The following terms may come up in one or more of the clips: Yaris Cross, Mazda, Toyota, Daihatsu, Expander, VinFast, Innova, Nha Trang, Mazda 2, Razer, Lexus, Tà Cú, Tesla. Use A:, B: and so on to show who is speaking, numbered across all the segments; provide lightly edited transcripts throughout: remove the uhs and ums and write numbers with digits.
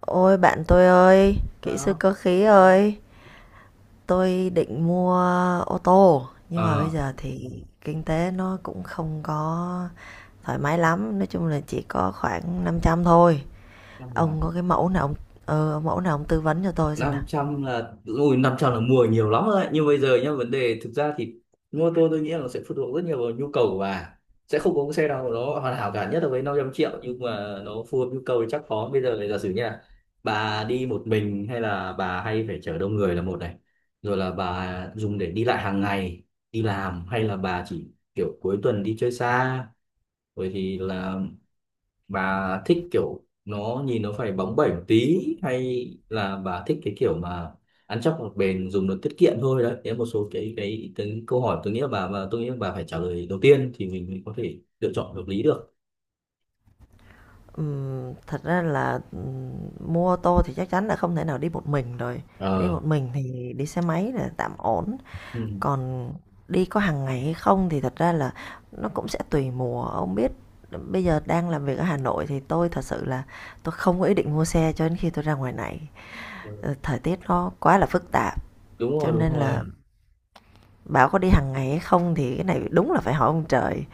A: Ôi bạn tôi ơi, kỹ sư
B: Đó.
A: cơ khí ơi, tôi định mua ô tô nhưng mà bây
B: Ờ,
A: giờ thì kinh tế nó cũng không có thoải mái lắm, nói chung là chỉ có khoảng 500 thôi.
B: năm trăm là
A: Ông có cái mẫu nào ông ông mẫu nào ông tư vấn cho tôi xem nào.
B: 500 là ui 500 là mua nhiều lắm rồi đấy. Nhưng bây giờ nhá, vấn đề thực ra thì mua ô tô tôi nghĩ là nó sẽ phụ thuộc rất nhiều vào nhu cầu của bà. Sẽ không có cái xe nào mà nó hoàn hảo cả, nhất là với 500 triệu, nhưng mà nó phù hợp nhu cầu thì chắc khó. Bây giờ này, giả sử như là bà đi một mình hay là bà hay phải chở đông người là một này. Rồi là bà dùng để đi lại hàng ngày, đi làm hay là bà chỉ kiểu cuối tuần đi chơi xa. Rồi thì là bà thích kiểu nó nhìn nó phải bóng bẩy một tí, hay là bà thích cái kiểu mà ăn chắc mặc bền dùng nó tiết kiệm thôi. Đấy đấy là một số cái câu hỏi tôi nghĩ là bà, và tôi nghĩ là bà phải trả lời đầu tiên thì mình mới có thể lựa chọn hợp lý được.
A: Thật ra là mua ô tô thì chắc chắn là không thể nào đi một mình rồi. Đi
B: ờ
A: một mình thì đi xe máy là tạm ổn.
B: ừ.
A: Còn đi có hàng ngày hay không thì thật ra là nó cũng sẽ tùy mùa, ông biết bây giờ đang làm việc ở Hà Nội thì tôi thật sự là tôi không có ý định mua xe cho đến khi tôi ra ngoài này. Ờ, thời tiết nó quá là phức tạp,
B: Đúng
A: cho
B: rồi, đúng
A: nên là
B: rồi.
A: bảo có đi hàng ngày hay không thì cái này đúng là phải hỏi ông trời.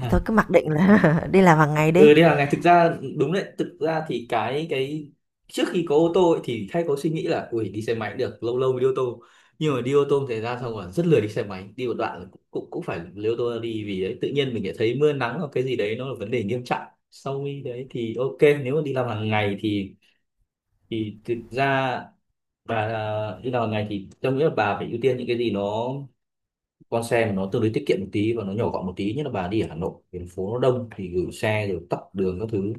A: Thì thôi cứ mặc định là đi làm hàng ngày đi.
B: Ừ, đi hàng ngày thực ra đúng đấy, thực ra thì cái trước khi có ô tô ấy, thì hay có suy nghĩ là ui đi xe máy cũng được, lâu lâu mới đi ô tô, nhưng mà đi ô tô thì ra xong rồi rất lười đi xe máy, đi một đoạn là cũng cũng, cũng phải lấy ô tô ra đi. Vì đấy tự nhiên mình lại thấy mưa nắng hoặc cái gì đấy nó là vấn đề nghiêm trọng. Sau khi đấy thì ok, nếu mà đi làm hàng ngày thì thực ra bà à, đi làm hàng ngày thì tôi nghĩ là bà phải ưu tiên những cái gì nó, con xe mà nó tương đối tiết kiệm một tí và nó nhỏ gọn một tí, nhất là bà đi ở Hà Nội thành phố nó đông thì gửi xe rồi tắc đường các thứ.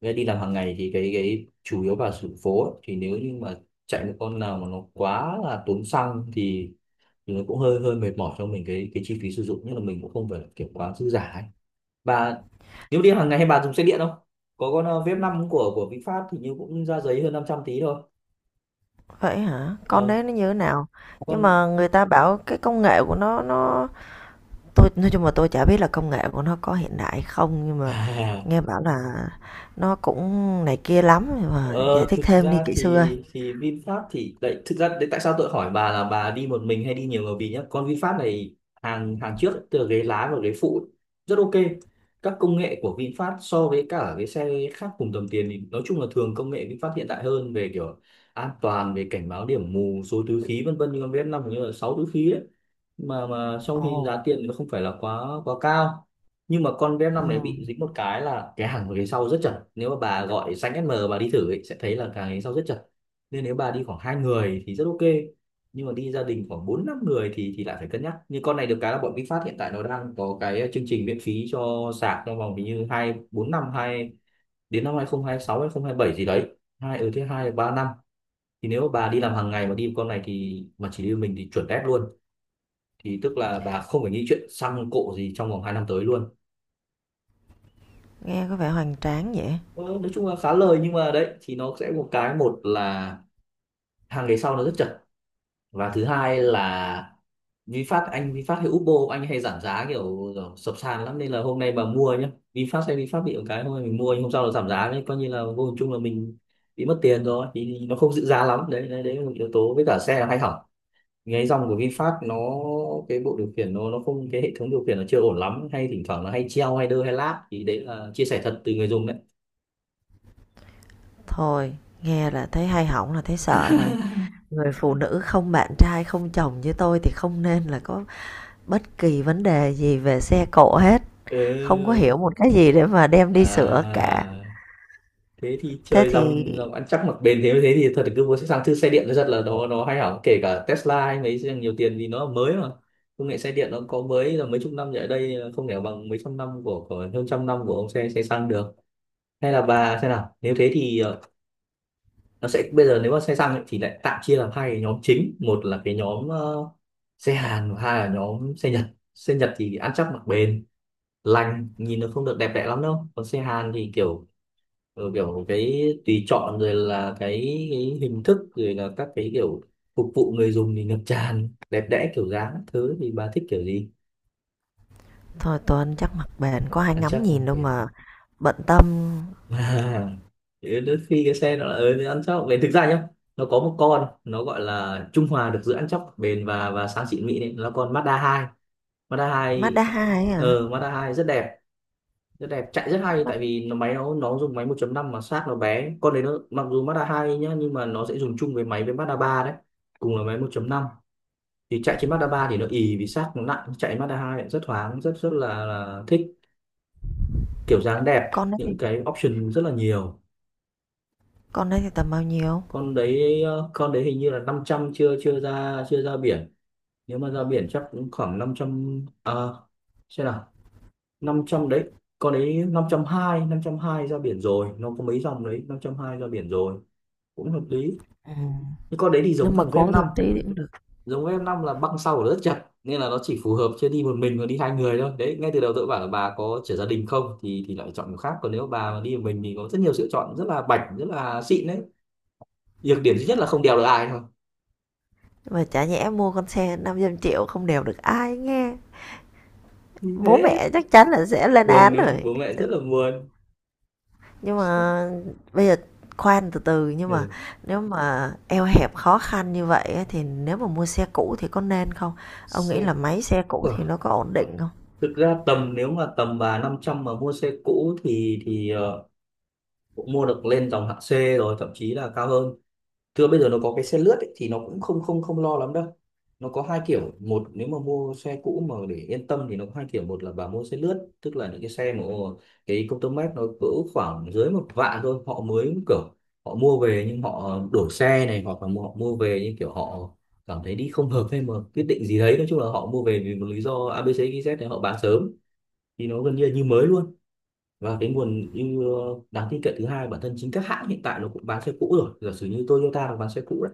B: Với đi làm hàng ngày thì cái chủ yếu vào sự phố ấy, thì nếu như mà chạy một con nào mà nó quá là tốn xăng thì nó cũng hơi hơi mệt mỏi cho mình cái chi phí sử dụng, nhưng mà mình cũng không phải là kiểu quá dư giả ấy. Bà nếu đi hàng ngày hay bà dùng xe điện không? Có con Vip 5 của VinFast thì như cũng ra giấy hơn 500 tí thôi.
A: Vậy hả? Con
B: Ờ,
A: đấy nó như thế nào? Nhưng
B: con
A: mà người ta bảo cái công nghệ của nó nó. Tôi nói chung là tôi chả biết là công nghệ của nó có hiện đại không, nhưng mà nghe bảo là nó cũng này kia lắm, nhưng mà giải
B: Ờ,
A: thích
B: thực
A: thêm đi
B: ra
A: kỹ sư ơi.
B: thì VinFast thì đấy, thực ra đấy tại sao tôi hỏi bà là bà đi một mình hay đi nhiều người, vì nhá con VinFast này hàng hàng trước ấy, từ là ghế lái và ghế phụ ấy, rất ok. Các công nghệ của VinFast so với cả cái xe khác cùng tầm tiền thì nói chung là thường công nghệ VinFast hiện đại hơn về kiểu an toàn, về cảnh báo điểm mù, số túi khí vân vân, như con vf năm hình như là 6 túi khí ấy, mà trong khi
A: Ồ,
B: giá tiền nó không phải là quá quá cao. Nhưng mà con bf năm này bị
A: ừm,
B: dính một cái là cái hàng ghế sau rất chật, nếu mà bà gọi xanh SM bà đi thử ấy, sẽ thấy là cái ghế sau rất chật, nên nếu bà đi khoảng hai người thì rất ok. Nhưng mà đi gia đình khoảng bốn năm người thì lại phải cân nhắc. Như con này được cái là bọn VinFast hiện tại nó đang có cái chương trình miễn phí cho sạc trong vòng hình như hai bốn năm hai đến năm 2026 bảy gì đấy, hai ở thứ hai ba năm. Thì nếu mà bà đi làm hàng ngày mà đi con này thì mà chỉ đi một mình thì chuẩn đét luôn, thì tức là bà không phải nghĩ chuyện xăng cộ gì trong vòng 2 năm tới luôn.
A: nghe có vẻ hoành tráng vậy.
B: Ờ, nói chung là khá lời, nhưng mà đấy thì nó sẽ một cái, một là hàng ghế sau nó rất chật, và thứ hai là VinFast, anh VinFast hay Upbo anh hay giảm giá kiểu, kiểu sập sàn lắm, nên là hôm nay mà mua nhá VinFast hay VinFast bị một cái hôm nay mình mua nhưng hôm sau nó giảm giá, đấy coi như là vô hình chung là mình bị mất tiền rồi, thì nó không giữ giá lắm đấy, đấy, đấy là một yếu tố. Với cả xe là hay hỏng, cái dòng của VinFast nó, cái bộ điều khiển nó không, cái hệ thống điều khiển nó chưa ổn lắm, hay thỉnh thoảng nó hay treo hay đơ hay lag, thì đấy là chia sẻ thật từ người dùng đấy.
A: Thôi, nghe là thấy hay hỏng là thấy sợ rồi. Người phụ nữ không bạn trai, không chồng như tôi thì không nên là có bất kỳ vấn đề gì về xe cộ hết. Không có hiểu
B: Ừ.
A: một cái gì để mà đem đi sửa cả.
B: À, thế thì
A: Thế
B: chơi
A: thì
B: dòng dòng ăn chắc mặc bền. Thế thế thì thật là cứ mua sang thứ xe điện nó rất là, nó hay hỏng, kể cả Tesla hay mấy xe nhiều tiền, vì nó là mới mà. Công nghệ xe điện nó có mới là mấy chục năm trở lại đây, không thể bằng mấy trăm năm của hơn trăm năm của ông xe xe xăng được. Hay là bà xem nào, nếu thế thì nó sẽ bây giờ nếu mà xe xăng ấy, thì lại tạm chia làm hai cái nhóm chính, một là cái nhóm xe Hàn và hai là nhóm xe Nhật. Xe Nhật thì ăn chắc mặc bền, lành, nhìn nó không được đẹp đẽ lắm đâu. Còn xe Hàn thì kiểu kiểu cái tùy chọn, rồi là cái hình thức, rồi là các cái kiểu phục vụ người dùng thì ngập tràn đẹp đẽ kiểu dáng các thứ. Thì bà thích kiểu gì,
A: thôi Tuấn chắc mặt bền có ai
B: ăn
A: ngắm
B: chắc mặc
A: nhìn đâu
B: bền?
A: mà bận tâm.
B: À, thì đến khi cái xe nó là ừ, thì ăn chóc bền thực ra nhá, nó có một con nó gọi là trung hòa được giữa ăn chóc bền và sáng xịn mịn ấy, nó là con Mazda hai. Mazda
A: Mazda
B: hai
A: 2 ấy à?
B: Mazda hai rất đẹp, rất đẹp, chạy rất hay
A: Mắt
B: tại vì nó máy nó dùng máy 1.5 mà xác nó bé con đấy, nó mặc dù Mazda hai nhá nhưng mà nó sẽ dùng chung với máy với Mazda ba đấy, cùng là máy 1.5, thì chạy trên Mazda ba thì nó ì vì xác nó nặng, chạy Mazda hai lại rất thoáng, rất rất là thích, kiểu dáng đẹp,
A: con đấy thì
B: những cái option rất là nhiều.
A: con đấy thì tầm bao nhiêu?
B: Con đấy con đấy hình như là năm trăm, chưa chưa ra, chưa ra biển, nếu mà ra biển chắc cũng khoảng năm trăm, à, xem nào, 500 đấy, con đấy năm năm trăm hai ra biển rồi, nó có mấy dòng đấy, năm trăm hai ra biển rồi, cũng hợp lý.
A: Ừ.
B: Nhưng con đấy thì
A: Nếu
B: giống
A: mà
B: thằng vf
A: cố
B: năm,
A: thêm tí thì cũng được.
B: giống vf năm là băng sau của nó rất chặt, nên là nó chỉ phù hợp chưa đi một mình mà đi hai người thôi. Đấy ngay từ đầu tôi bảo là bà có trẻ gia đình không, thì lại chọn một khác, còn nếu bà mà đi một mình thì có rất nhiều sự chọn rất là bảnh, rất là xịn đấy. Nhược điểm duy nhất là không đèo được ai thôi,
A: Mà chả nhẽ mua con xe 500 triệu không đều được ai nghe.
B: như
A: Bố
B: thế
A: mẹ chắc chắn là sẽ lên
B: buồn
A: án
B: nữa,
A: rồi.
B: bố mẹ rất là buồn.
A: Nhưng mà bây giờ khoan từ từ nhưng mà
B: Ừ.
A: nếu mà eo hẹp khó khăn như vậy ấy, thì nếu mà mua xe cũ thì có nên không? Ông
B: Xe
A: nghĩ là máy xe cũ
B: cũ à?
A: thì nó có ổn định không?
B: Thực ra tầm nếu mà tầm bà 500 mà mua xe cũ thì cũng mua được lên dòng hạng C, rồi thậm chí là cao hơn. Thưa bây giờ nó có cái xe lướt ấy, thì nó cũng không không không lo lắm đâu. Nó có hai kiểu, một nếu mà mua xe cũ mà để yên tâm thì nó có hai kiểu, một là bà mua xe lướt, tức là những cái xe mà cái công tơ mét nó cỡ khoảng dưới 10.000 thôi. Họ mới kiểu họ mua về nhưng họ đổi xe này, hoặc là họ mua về nhưng kiểu họ cảm thấy đi không hợp, hay mà quyết định gì đấy, nói chung là họ mua về vì một lý do ABC z thì họ bán sớm, thì nó gần như là như mới luôn. Và cái nguồn ưu đáng tin cậy thứ hai, bản thân chính các hãng hiện tại nó cũng bán xe cũ rồi, giả sử như Toyota nó bán xe cũ,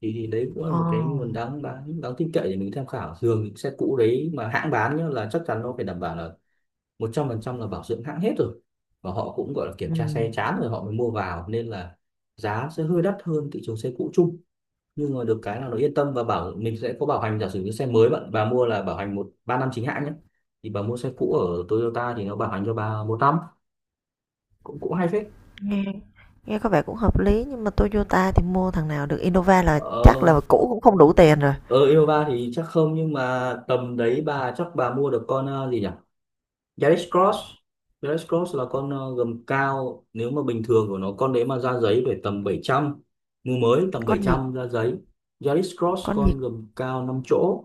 B: thì đấy cũng là
A: Ồ.
B: một cái nguồn đáng đáng đáng tin cậy để mình tham khảo. Thường những xe cũ đấy mà hãng bán nhá là chắc chắn nó phải đảm bảo là 100% là bảo dưỡng hãng hết rồi, và họ cũng gọi là kiểm
A: Ừ.
B: tra xe chán rồi họ mới mua vào, nên là giá sẽ hơi đắt hơn thị trường xe cũ chung. Nhưng mà được cái là nó yên tâm, và bảo mình sẽ có bảo hành. Giả sử như xe mới bạn bà mua là bảo hành 1 3 năm chính hãng nhé, thì bà mua xe cũ ở Toyota thì nó bảo hành cho bà 1 năm. Cũng cũng hay phết.
A: Nghe Nghe có vẻ cũng hợp lý nhưng mà Toyota thì mua thằng nào được Innova là chắc
B: ờ,
A: là cũ cũng không đủ tiền rồi.
B: Ở Innova thì chắc không, nhưng mà tầm đấy bà chắc bà mua được con gì nhỉ, Yaris Cross. Yaris Cross là con gầm cao, nếu mà bình thường của nó con đấy mà ra giấy phải tầm 700, mua mới tầm bảy
A: Con gì?
B: trăm ra giấy. Yaris Cross
A: Con gì?
B: con gầm cao 5 chỗ.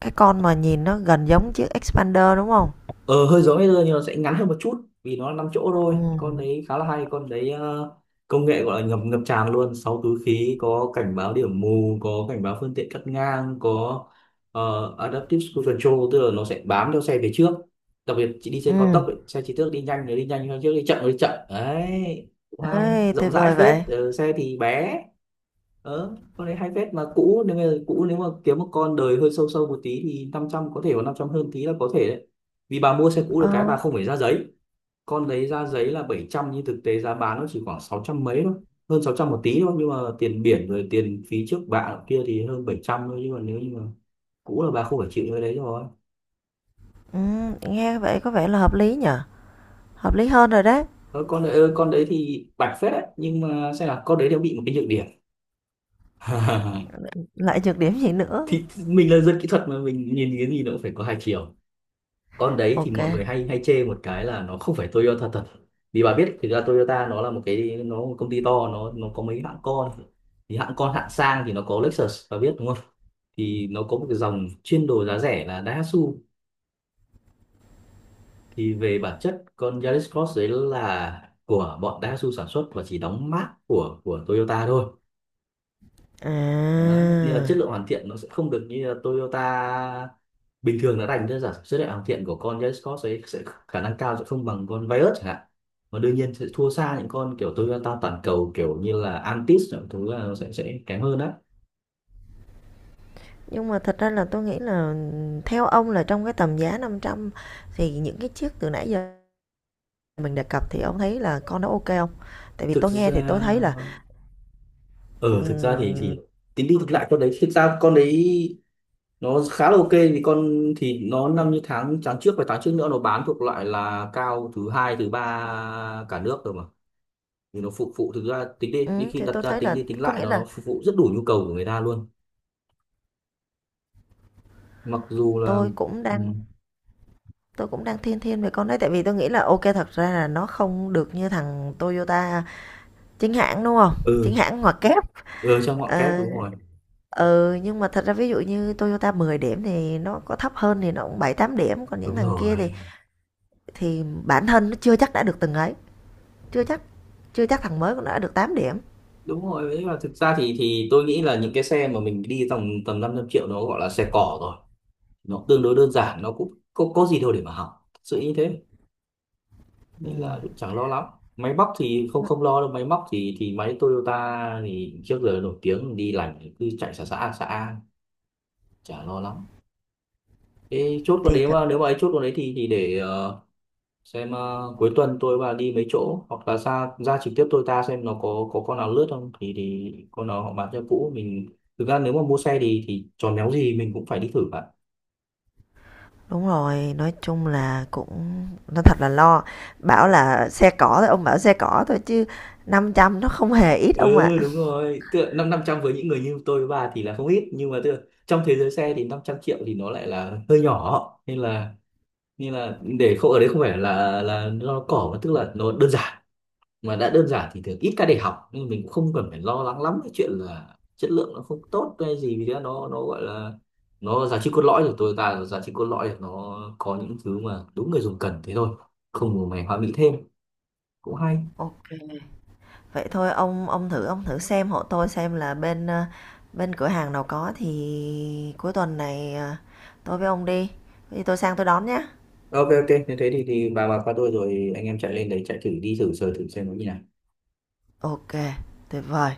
A: Cái con mà nhìn nó gần giống chiếc Expander đúng không?
B: Ờ hơi giống Razer nhưng nó sẽ ngắn hơn một chút, vì nó là 5 chỗ
A: Ừ.
B: thôi. Con đấy khá là hay, con đấy công nghệ gọi là ngập ngập tràn luôn, 6 túi khí, có cảnh báo điểm mù, có cảnh báo phương tiện cắt ngang, có adaptive cruise control, tức là nó sẽ bám theo xe về trước. Đặc biệt chị đi xe cao
A: Ừ.
B: tốc ấy, xe chỉ trước đi nhanh thì đi nhanh, xe trước đi chậm thì đi chậm, đấy cũng hay.
A: Ê,
B: Rộng
A: tuyệt
B: rãi
A: vời
B: phết,
A: vậy.
B: xe thì bé. Ờ con đấy hay phết, mà cũ nếu mà cũ nếu mà kiếm một con đời hơi sâu sâu một tí thì 500 có thể, có 500 hơn tí là có thể đấy. Vì bà mua xe cũ được cái bà
A: Ờ.
B: không phải ra giấy, con đấy ra giấy là 700 nhưng thực tế giá bán nó chỉ khoảng 600 mấy thôi, hơn 600 một tí thôi. Nhưng mà tiền biển rồi tiền phí trước bạ kia thì hơn 700 thôi, nhưng mà nếu như mà cũ là bà không phải chịu cái đấy rồi.
A: Ừ, nghe vậy có vẻ là hợp lý nhở. Hợp lý hơn rồi đấy.
B: Ờ, con đấy con đấy thì bạch phết đấy, nhưng mà xem là con đấy nó bị một cái nhược điểm.
A: Lại nhược điểm gì nữa?
B: Thì mình là dân kỹ thuật mà, mình nhìn cái gì nó cũng phải có hai chiều. Con đấy thì
A: Ok.
B: mọi người hay hay chê một cái là nó không phải Toyota thật. Vì bà biết thực ra Toyota nó là một cái, nó một công ty to, nó có mấy hãng con. Thì hãng con hạng sang thì nó có Lexus bà biết đúng không, thì nó có một cái dòng chuyên đồ giá rẻ là Daihatsu. Thì về bản chất con Yaris Cross đấy là của bọn Daihatsu sản xuất và chỉ đóng mác của Toyota thôi. Đấy, nên là chất
A: À.
B: lượng hoàn thiện nó sẽ không được như là Toyota bình thường. Nó đánh ra giả sử là hoàn thiện của con Jaycott ấy sẽ khả năng cao sẽ không bằng con Virus chẳng hạn. Và đương nhiên sẽ thua xa những con kiểu Toyota toàn cầu, kiểu như là antis những thứ là nó sẽ kém hơn á.
A: Nhưng mà thật ra là tôi nghĩ là theo ông là trong cái tầm giá 500 thì những cái chiếc từ nãy giờ mình đề cập thì ông thấy là con đó ok không? Tại vì
B: Thực
A: tôi nghe thì tôi
B: ra
A: thấy là,
B: ờ ừ, Thực ra thì
A: ừm,
B: thì tính đi thực lại con đấy thực ra con đấy nó khá là ok. Vì con thì nó năm như tháng tháng trước và tháng trước nữa nó bán thuộc loại là cao thứ hai thứ ba cả nước rồi mà. Thì nó phục vụ, thực ra tính đi đi khi
A: thì
B: đặt
A: tôi
B: ra
A: thấy
B: tính
A: là
B: đi tính
A: có
B: lại
A: nghĩa
B: nó
A: là
B: nó phục vụ rất đủ nhu cầu của người ta luôn, mặc dù là
A: tôi cũng
B: ừ
A: đang tôi cũng đang thiên thiên về con đấy, tại vì tôi nghĩ là ok thật ra là nó không được như thằng Toyota chính hãng, đúng không? Chính
B: ừ,
A: hãng ngoặc kép.
B: ừ trong ngọn kép
A: Ờ,
B: đúng rồi.
A: ừ, nhưng mà thật ra ví dụ như Toyota 10 điểm thì nó có thấp hơn thì nó cũng 7 8 điểm, còn những
B: đúng
A: thằng kia
B: rồi
A: thì bản thân nó chưa chắc đã được từng ấy, chưa chắc chưa chắc thằng mới cũng đã được tám điểm.
B: đúng rồi đấy, là thực ra thì tôi nghĩ là những cái xe mà mình đi tầm tầm 500 triệu nó gọi là xe cỏ rồi. Nó tương đối đơn giản, nó cũng có gì đâu để mà hỏng thật sự như thế, nên là
A: Ừm,
B: cũng chẳng lo lắm. Máy móc thì không không lo đâu, máy móc thì máy Toyota thì trước giờ nổi tiếng đi lành cứ chạy xã xã xã, chả lo lắm. Thế chốt con
A: thì
B: đấy,
A: thật.
B: mà nếu mà ấy chốt con đấy thì để xem, cuối tuần tôi và đi mấy chỗ hoặc là ra ra trực tiếp tôi ta xem nó có con nào lướt không, thì thì con nào họ bán cho cũ mình. Thực ra nếu mà mua xe thì tròn néo gì mình cũng phải đi thử bạn.
A: Đúng rồi, nói chung là cũng nó thật là lo. Bảo là xe cỏ thôi, ông bảo xe cỏ thôi chứ 500 nó không hề ít ông ạ.
B: Ừ đúng rồi, tựa năm năm trăm với những người như tôi với bà thì là không ít, nhưng mà tựa trong thế giới xe thì 500 triệu thì nó lại là hơi nhỏ, nên là để không ở đấy không phải là nó cỏ, mà tức là nó đơn giản. Mà đã đơn giản thì thường ít ca để học, nên mình cũng không cần phải lo lắng lắm cái chuyện là chất lượng nó không tốt hay gì. Vì thế nó gọi là, nó giá trị cốt lõi của tôi ta, giá trị cốt lõi là nó có những thứ mà đúng người dùng cần thế thôi, không màu mè hoa mỹ thêm, cũng hay.
A: OK, vậy thôi ông thử xem hộ tôi xem là bên, bên cửa hàng nào có thì cuối tuần này, tôi với ông đi, có tôi sang tôi đón nhá.
B: Ok ok như thế thì bà qua tôi rồi anh em chạy lên đấy chạy thử đi, thử sờ thử xem nó như nào.
A: OK, tuyệt vời.